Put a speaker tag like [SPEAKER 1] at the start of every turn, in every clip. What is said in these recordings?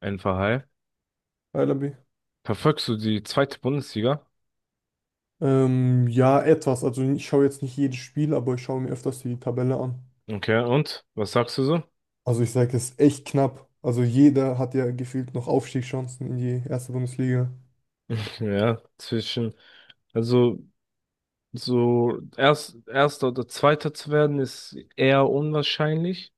[SPEAKER 1] Ein Verhall.
[SPEAKER 2] Hi Labi.
[SPEAKER 1] Verfolgst du die zweite Bundesliga?
[SPEAKER 2] Ja, etwas. Also ich schaue jetzt nicht jedes Spiel, aber ich schaue mir öfters die Tabelle an.
[SPEAKER 1] Okay, und was sagst du so?
[SPEAKER 2] Also ich sage, es ist echt knapp. Also jeder hat ja gefühlt noch Aufstiegschancen in die erste Bundesliga.
[SPEAKER 1] Ja, also so erster oder zweiter zu werden ist eher unwahrscheinlich,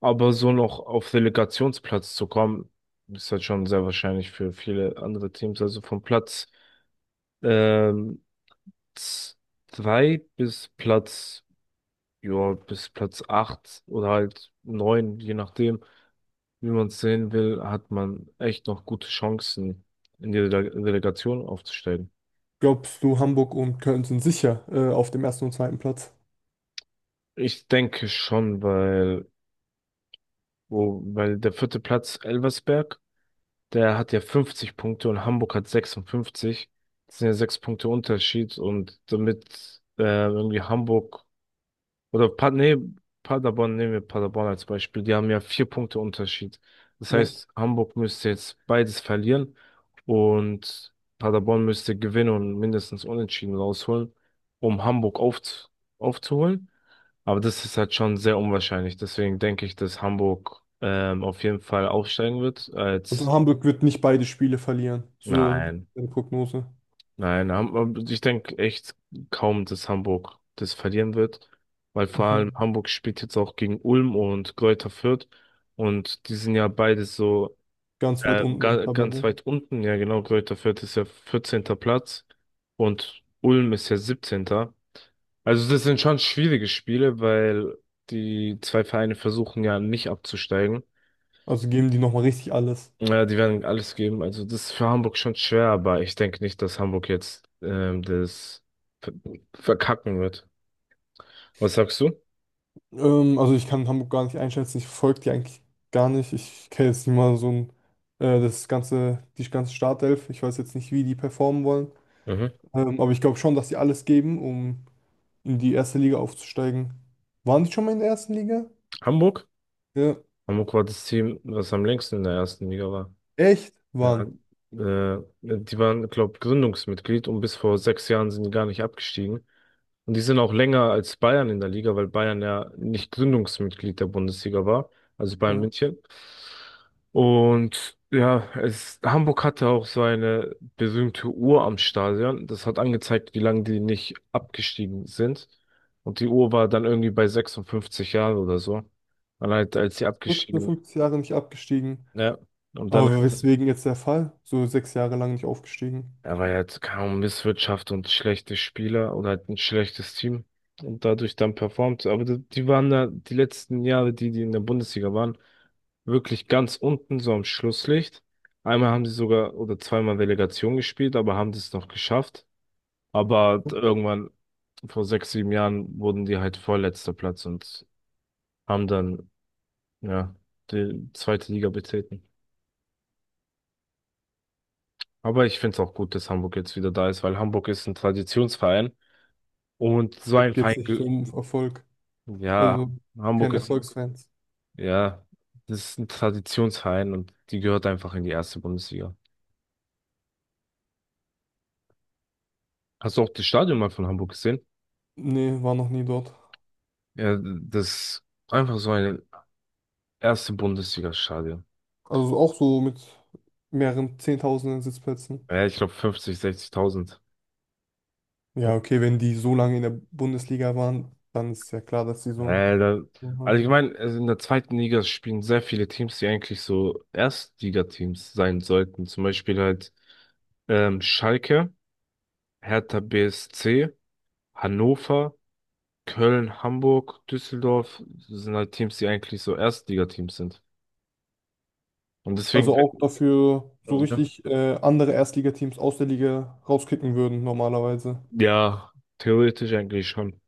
[SPEAKER 1] aber so noch auf Relegationsplatz zu kommen, ist halt schon sehr wahrscheinlich für viele andere Teams. Also vom Platz ähm, z- zwei bis Platz, ja, bis Platz acht oder halt neun, je nachdem, wie man es sehen will, hat man echt noch gute Chancen, in die Delegation aufzusteigen.
[SPEAKER 2] Glaubst du, Hamburg und Köln sind sicher auf dem ersten und zweiten Platz?
[SPEAKER 1] Ich denke schon, weil der vierte Platz Elversberg, der hat ja 50 Punkte und Hamburg hat 56. Das sind ja sechs Punkte Unterschied und damit irgendwie Hamburg. Oder Paderborn, nehmen wir Paderborn als Beispiel. Die haben ja vier Punkte Unterschied. Das
[SPEAKER 2] Ne?
[SPEAKER 1] heißt, Hamburg müsste jetzt beides verlieren und Paderborn müsste gewinnen und mindestens unentschieden rausholen, um Hamburg aufzuholen. Aber das ist halt schon sehr unwahrscheinlich. Deswegen denke ich, dass Hamburg auf jeden Fall aufsteigen wird,
[SPEAKER 2] Also
[SPEAKER 1] als,
[SPEAKER 2] Hamburg wird nicht beide Spiele verlieren. So
[SPEAKER 1] nein.
[SPEAKER 2] eine Prognose.
[SPEAKER 1] Nein, ich denke echt kaum, dass Hamburg das verlieren wird, weil vor allem
[SPEAKER 2] Mhm.
[SPEAKER 1] Hamburg spielt jetzt auch gegen Ulm und Greuther Fürth und die sind ja beide so
[SPEAKER 2] Ganz weit unten in der
[SPEAKER 1] ganz
[SPEAKER 2] Tabelle.
[SPEAKER 1] weit unten. Ja, genau, Greuther Fürth ist ja 14. Platz und Ulm ist ja siebzehnter. Also das sind schon schwierige Spiele, weil die zwei Vereine versuchen ja nicht abzusteigen.
[SPEAKER 2] Also geben die nochmal richtig alles.
[SPEAKER 1] Ja, die werden alles geben. Also das ist für Hamburg schon schwer, aber ich denke nicht, dass Hamburg jetzt das ver- verkacken wird. Was sagst du?
[SPEAKER 2] Also ich kann Hamburg gar nicht einschätzen, ich folge die eigentlich gar nicht. Ich kenne jetzt nicht mal das ganze, die ganze Startelf. Ich weiß jetzt nicht, wie die performen wollen.
[SPEAKER 1] Mhm.
[SPEAKER 2] Aber ich glaube schon, dass sie alles geben, um in die erste Liga aufzusteigen. Waren die schon mal in der ersten Liga?
[SPEAKER 1] Hamburg?
[SPEAKER 2] Ja.
[SPEAKER 1] Hamburg war das Team, was am längsten in der ersten Liga war.
[SPEAKER 2] Echt?
[SPEAKER 1] Ja,
[SPEAKER 2] Waren.
[SPEAKER 1] die waren, glaube, Gründungsmitglied und bis vor 6 Jahren sind die gar nicht abgestiegen. Und die sind auch länger als Bayern in der Liga, weil Bayern ja nicht Gründungsmitglied der Bundesliga war, also Bayern
[SPEAKER 2] Ja.
[SPEAKER 1] München. Und ja, Hamburg hatte auch so eine berühmte Uhr am Stadion. Das hat angezeigt, wie lange die nicht abgestiegen sind. Und die Uhr war dann irgendwie bei 56 Jahren oder so. Dann halt, als sie abgestiegen,
[SPEAKER 2] 56 Jahre nicht abgestiegen.
[SPEAKER 1] ja. Und dann
[SPEAKER 2] Aber
[SPEAKER 1] halt.
[SPEAKER 2] weswegen jetzt der Fall? So sechs Jahre lang nicht aufgestiegen.
[SPEAKER 1] Aber er hat kaum Misswirtschaft und schlechte Spieler oder halt ein schlechtes Team und dadurch dann performt. Aber die, die waren da die letzten Jahre, die, die in der Bundesliga waren, wirklich ganz unten, so am Schlusslicht. Einmal haben sie sogar oder zweimal Relegation gespielt, aber haben das noch geschafft. Aber halt irgendwann vor 6, 7 Jahren wurden die halt vorletzter Platz und haben dann, ja, die zweite Liga betreten. Aber ich finde es auch gut, dass Hamburg jetzt wieder da ist, weil Hamburg ist ein Traditionsverein. Und so
[SPEAKER 2] Da
[SPEAKER 1] ein Verein,
[SPEAKER 2] geht's nicht so um Erfolg.
[SPEAKER 1] ja,
[SPEAKER 2] Also kein
[SPEAKER 1] Hamburg ist,
[SPEAKER 2] Erfolgsfans.
[SPEAKER 1] ja, das ist ein Traditionsverein und die gehört einfach in die erste Bundesliga. Hast du auch das Stadion mal von Hamburg gesehen?
[SPEAKER 2] Nee, war noch nie dort.
[SPEAKER 1] Ja, das ist einfach so ein erste Bundesliga-Stadion.
[SPEAKER 2] Also auch so mit mehreren Zehntausenden Sitzplätzen.
[SPEAKER 1] Ja, ich glaube 50, 60.000.
[SPEAKER 2] Ja, okay, wenn die so lange in der Bundesliga waren, dann ist ja klar, dass sie so ein.
[SPEAKER 1] Äh, da,
[SPEAKER 2] So.
[SPEAKER 1] also ich meine, also in der zweiten Liga spielen sehr viele Teams, die eigentlich so Erstligateams sein sollten. Zum Beispiel halt Schalke, Hertha BSC, Hannover, Köln, Hamburg, Düsseldorf sind halt Teams, die eigentlich so Erstligateams sind. Und deswegen,
[SPEAKER 2] Also auch dafür so
[SPEAKER 1] ja.
[SPEAKER 2] richtig andere Erstligateams aus der Liga rauskicken würden, normalerweise.
[SPEAKER 1] Ja, theoretisch eigentlich schon.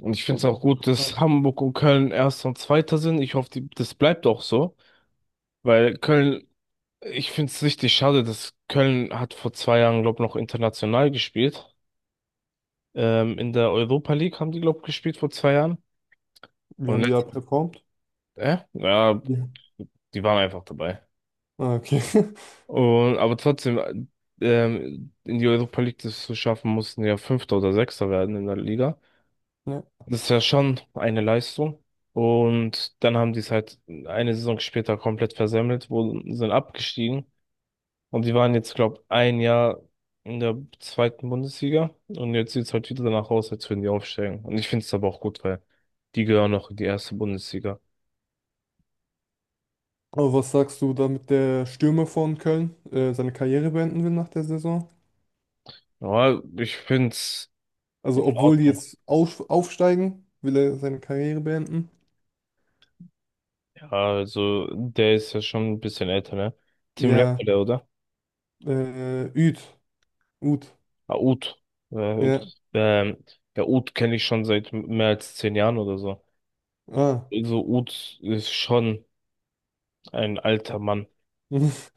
[SPEAKER 1] Und ich finde es
[SPEAKER 2] Und
[SPEAKER 1] auch gut, dass Hamburg und Köln Erster und Zweiter sind. Ich hoffe, das bleibt auch so, weil Köln, ich finde es richtig schade, dass Köln hat vor 2 Jahren, glaube ich, noch international gespielt. In der Europa League haben die, glaube ich, gespielt vor 2 Jahren.
[SPEAKER 2] wie
[SPEAKER 1] Und
[SPEAKER 2] haben die da
[SPEAKER 1] letztes,
[SPEAKER 2] performt?
[SPEAKER 1] ja,
[SPEAKER 2] Ja.
[SPEAKER 1] die waren einfach dabei.
[SPEAKER 2] Ah, okay.
[SPEAKER 1] Aber trotzdem, in die Europa League das zu schaffen, mussten ja Fünfter oder Sechster werden in der Liga.
[SPEAKER 2] Ja.
[SPEAKER 1] Das ist ja schon eine Leistung. Und dann haben die es halt eine Saison später komplett versemmelt, sind abgestiegen. Und die waren jetzt, glaube, ein Jahr in der zweiten Bundesliga. Und jetzt sieht es halt wieder danach aus, als würden die aufsteigen. Und ich finde es aber auch gut, weil die gehören noch in die erste Bundesliga.
[SPEAKER 2] Aber was sagst du, damit der Stürmer von Köln seine Karriere beenden will nach der Saison?
[SPEAKER 1] Ja, ich finde es in
[SPEAKER 2] Also, obwohl die
[SPEAKER 1] Ordnung.
[SPEAKER 2] jetzt auf, aufsteigen, will er seine Karriere beenden.
[SPEAKER 1] Also, der ist ja schon ein bisschen älter, ne? Tim
[SPEAKER 2] Ja,
[SPEAKER 1] Lemperle, oder?
[SPEAKER 2] Üd. Ut.
[SPEAKER 1] Ah, Ut. Ut.
[SPEAKER 2] Ja.
[SPEAKER 1] Ähm, ja, Ut kenne ich schon seit mehr als 10 Jahren oder so.
[SPEAKER 2] Ah.
[SPEAKER 1] Also, Ut ist schon ein alter Mann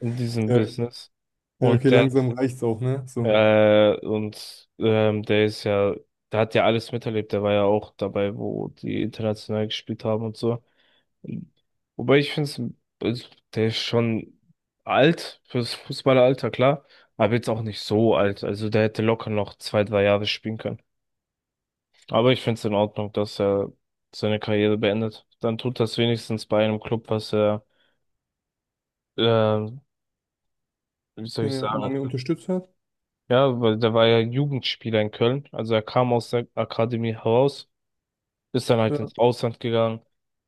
[SPEAKER 1] in diesem
[SPEAKER 2] Ja,
[SPEAKER 1] Business.
[SPEAKER 2] ja,
[SPEAKER 1] Und
[SPEAKER 2] okay,
[SPEAKER 1] der,
[SPEAKER 2] langsam reicht's auch, ne? So.
[SPEAKER 1] und der ist ja, der hat ja alles miterlebt. Der war ja auch dabei, wo die international gespielt haben und so. Wobei ich finde es, der ist schon alt fürs Fußballeralter, klar, aber jetzt auch nicht so alt. Also der hätte locker noch 2, 3 Jahre spielen können. Aber ich finde es in Ordnung, dass er seine Karriere beendet. Dann tut das wenigstens bei einem Club, was er, ähm, wie soll
[SPEAKER 2] Den
[SPEAKER 1] ich
[SPEAKER 2] er
[SPEAKER 1] sagen?
[SPEAKER 2] lange unterstützt hat.
[SPEAKER 1] Ja, weil der war ja Jugendspieler in Köln. Also er kam aus der Akademie heraus, ist dann halt
[SPEAKER 2] Ja.
[SPEAKER 1] ins Ausland gegangen,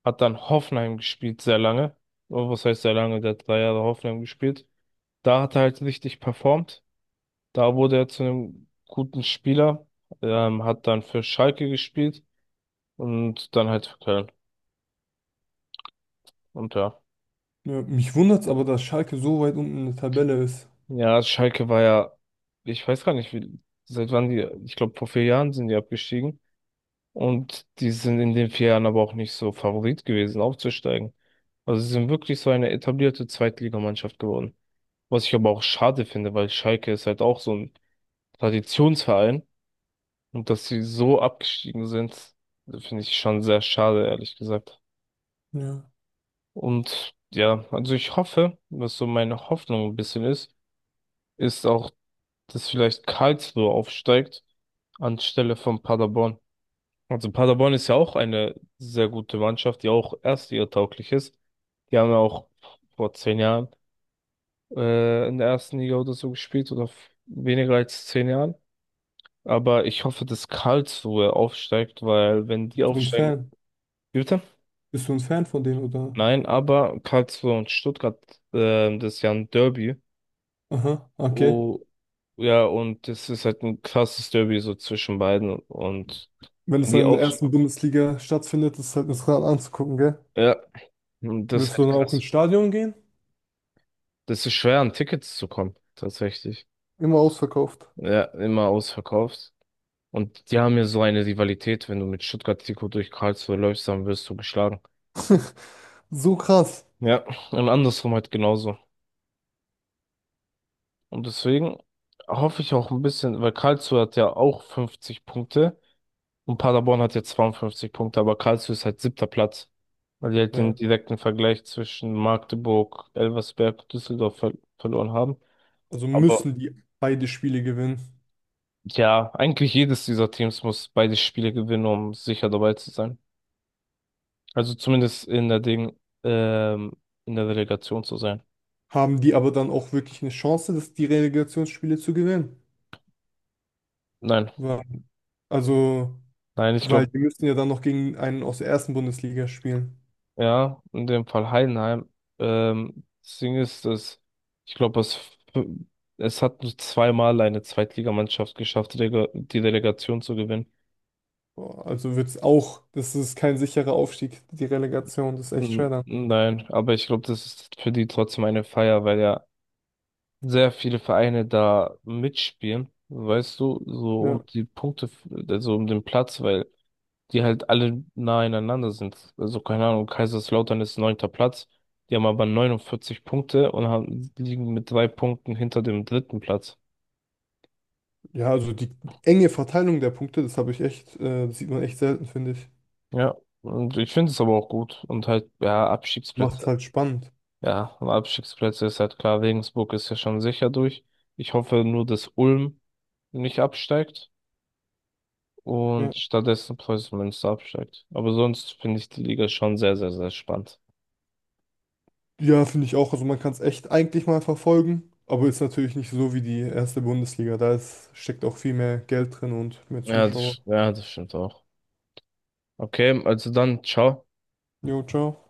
[SPEAKER 1] hat dann Hoffenheim gespielt sehr lange. Oh, was heißt sehr lange? Der hat 3 Jahre Hoffenheim gespielt. Da hat er halt richtig performt. Da wurde er zu einem guten Spieler, hat dann für Schalke gespielt und dann halt für Köln. Und ja.
[SPEAKER 2] Ja. Mich wundert's aber, dass Schalke so weit unten in der Tabelle ist.
[SPEAKER 1] Ja, Schalke war ja, ich weiß gar nicht, wie, seit wann die, ich glaube, vor 4 Jahren sind die abgestiegen. Und die sind in den 4 Jahren aber auch nicht so Favorit gewesen, aufzusteigen. Also sie sind wirklich so eine etablierte Zweitligamannschaft geworden. Was ich aber auch schade finde, weil Schalke ist halt auch so ein Traditionsverein. Und dass sie so abgestiegen sind, finde ich schon sehr schade, ehrlich gesagt.
[SPEAKER 2] Ja.
[SPEAKER 1] Und ja, also ich hoffe, was so meine Hoffnung ein bisschen ist, ist auch, dass vielleicht Karlsruhe aufsteigt anstelle von Paderborn. Also Paderborn ist ja auch eine sehr gute Mannschaft, die auch erstligatauglich ist. Die haben ja auch vor 10 Jahren in der ersten Liga oder so gespielt oder weniger als zehn Jahren. Aber ich hoffe, dass Karlsruhe aufsteigt, weil wenn die
[SPEAKER 2] Bist du ein
[SPEAKER 1] aufsteigen.
[SPEAKER 2] Fan?
[SPEAKER 1] Wie bitte?
[SPEAKER 2] Bist du ein Fan von denen, oder?
[SPEAKER 1] Nein, aber Karlsruhe und Stuttgart, das ist ja ein Derby.
[SPEAKER 2] Aha, okay.
[SPEAKER 1] Oh, ja, und das ist halt ein krasses Derby so zwischen beiden. Und
[SPEAKER 2] Wenn
[SPEAKER 1] wenn
[SPEAKER 2] es dann
[SPEAKER 1] die
[SPEAKER 2] in der
[SPEAKER 1] auf,
[SPEAKER 2] ersten Bundesliga stattfindet, ist es halt das Rad anzugucken, gell?
[SPEAKER 1] ja, und das ist
[SPEAKER 2] Willst du
[SPEAKER 1] halt
[SPEAKER 2] dann auch
[SPEAKER 1] krass.
[SPEAKER 2] ins Stadion gehen?
[SPEAKER 1] Das ist schwer, an Tickets zu kommen, tatsächlich.
[SPEAKER 2] Immer ausverkauft.
[SPEAKER 1] Ja, immer ausverkauft. Und die haben ja so eine Rivalität, wenn du mit Stuttgart-Trikot durch Karlsruhe läufst, dann wirst du geschlagen.
[SPEAKER 2] So krass.
[SPEAKER 1] Ja, und andersrum halt genauso. Und deswegen hoffe ich auch ein bisschen, weil Karlsruhe hat ja auch 50 Punkte. Und Paderborn hat jetzt 52 Punkte, aber Karlsruhe ist halt siebter Platz. Weil die halt den
[SPEAKER 2] Ja,
[SPEAKER 1] direkten Vergleich zwischen Magdeburg, Elversberg und Düsseldorf verloren haben.
[SPEAKER 2] also
[SPEAKER 1] Aber
[SPEAKER 2] müssen die beide Spiele gewinnen.
[SPEAKER 1] ja, eigentlich jedes dieser Teams muss beide Spiele gewinnen, um sicher dabei zu sein. Also zumindest in der Ding, ähm, in der Relegation zu sein.
[SPEAKER 2] Haben die aber dann auch wirklich eine Chance, die Relegationsspiele zu gewinnen?
[SPEAKER 1] Nein,
[SPEAKER 2] Wa- Also,
[SPEAKER 1] nein, ich
[SPEAKER 2] Weil
[SPEAKER 1] glaube.
[SPEAKER 2] die müssen ja dann noch gegen einen aus der ersten Bundesliga spielen.
[SPEAKER 1] Ja, in dem Fall Heidenheim. Das Ding ist, dass ich glaube, es hat nur zweimal eine Zweitligamannschaft geschafft, die Relegation zu gewinnen.
[SPEAKER 2] Boah, also wird es auch, das ist kein sicherer Aufstieg, die Relegation, das ist echt schwer dann.
[SPEAKER 1] Nein, aber ich glaube, das ist für die trotzdem eine Feier, weil ja sehr viele Vereine da mitspielen, weißt du, so um
[SPEAKER 2] Ja,
[SPEAKER 1] die Punkte, also um den Platz, weil die halt alle nah einander sind. Also keine Ahnung, Kaiserslautern ist neunter Platz. Die haben aber 49 Punkte und liegen mit 3 Punkten hinter dem dritten Platz.
[SPEAKER 2] ja, also die enge Verteilung der Punkte, das habe ich echt, das sieht man echt selten, finde ich.
[SPEAKER 1] Ja, und ich finde es aber auch gut. Und halt, ja,
[SPEAKER 2] Macht's
[SPEAKER 1] Abstiegsplätze.
[SPEAKER 2] halt spannend.
[SPEAKER 1] Ja, und Abstiegsplätze ist halt klar. Regensburg ist ja schon sicher durch. Ich hoffe nur, dass Ulm nicht absteigt
[SPEAKER 2] Ja,
[SPEAKER 1] und stattdessen Preußen Münster absteigt. Aber sonst finde ich die Liga schon sehr, sehr, sehr spannend.
[SPEAKER 2] ja finde ich auch. Also man kann es echt eigentlich mal verfolgen, aber ist natürlich nicht so wie die erste Bundesliga. Da ist, steckt auch viel mehr Geld drin und mehr Zuschauer.
[SPEAKER 1] Ja, das stimmt auch. Okay, also dann, ciao.
[SPEAKER 2] Jo, ciao.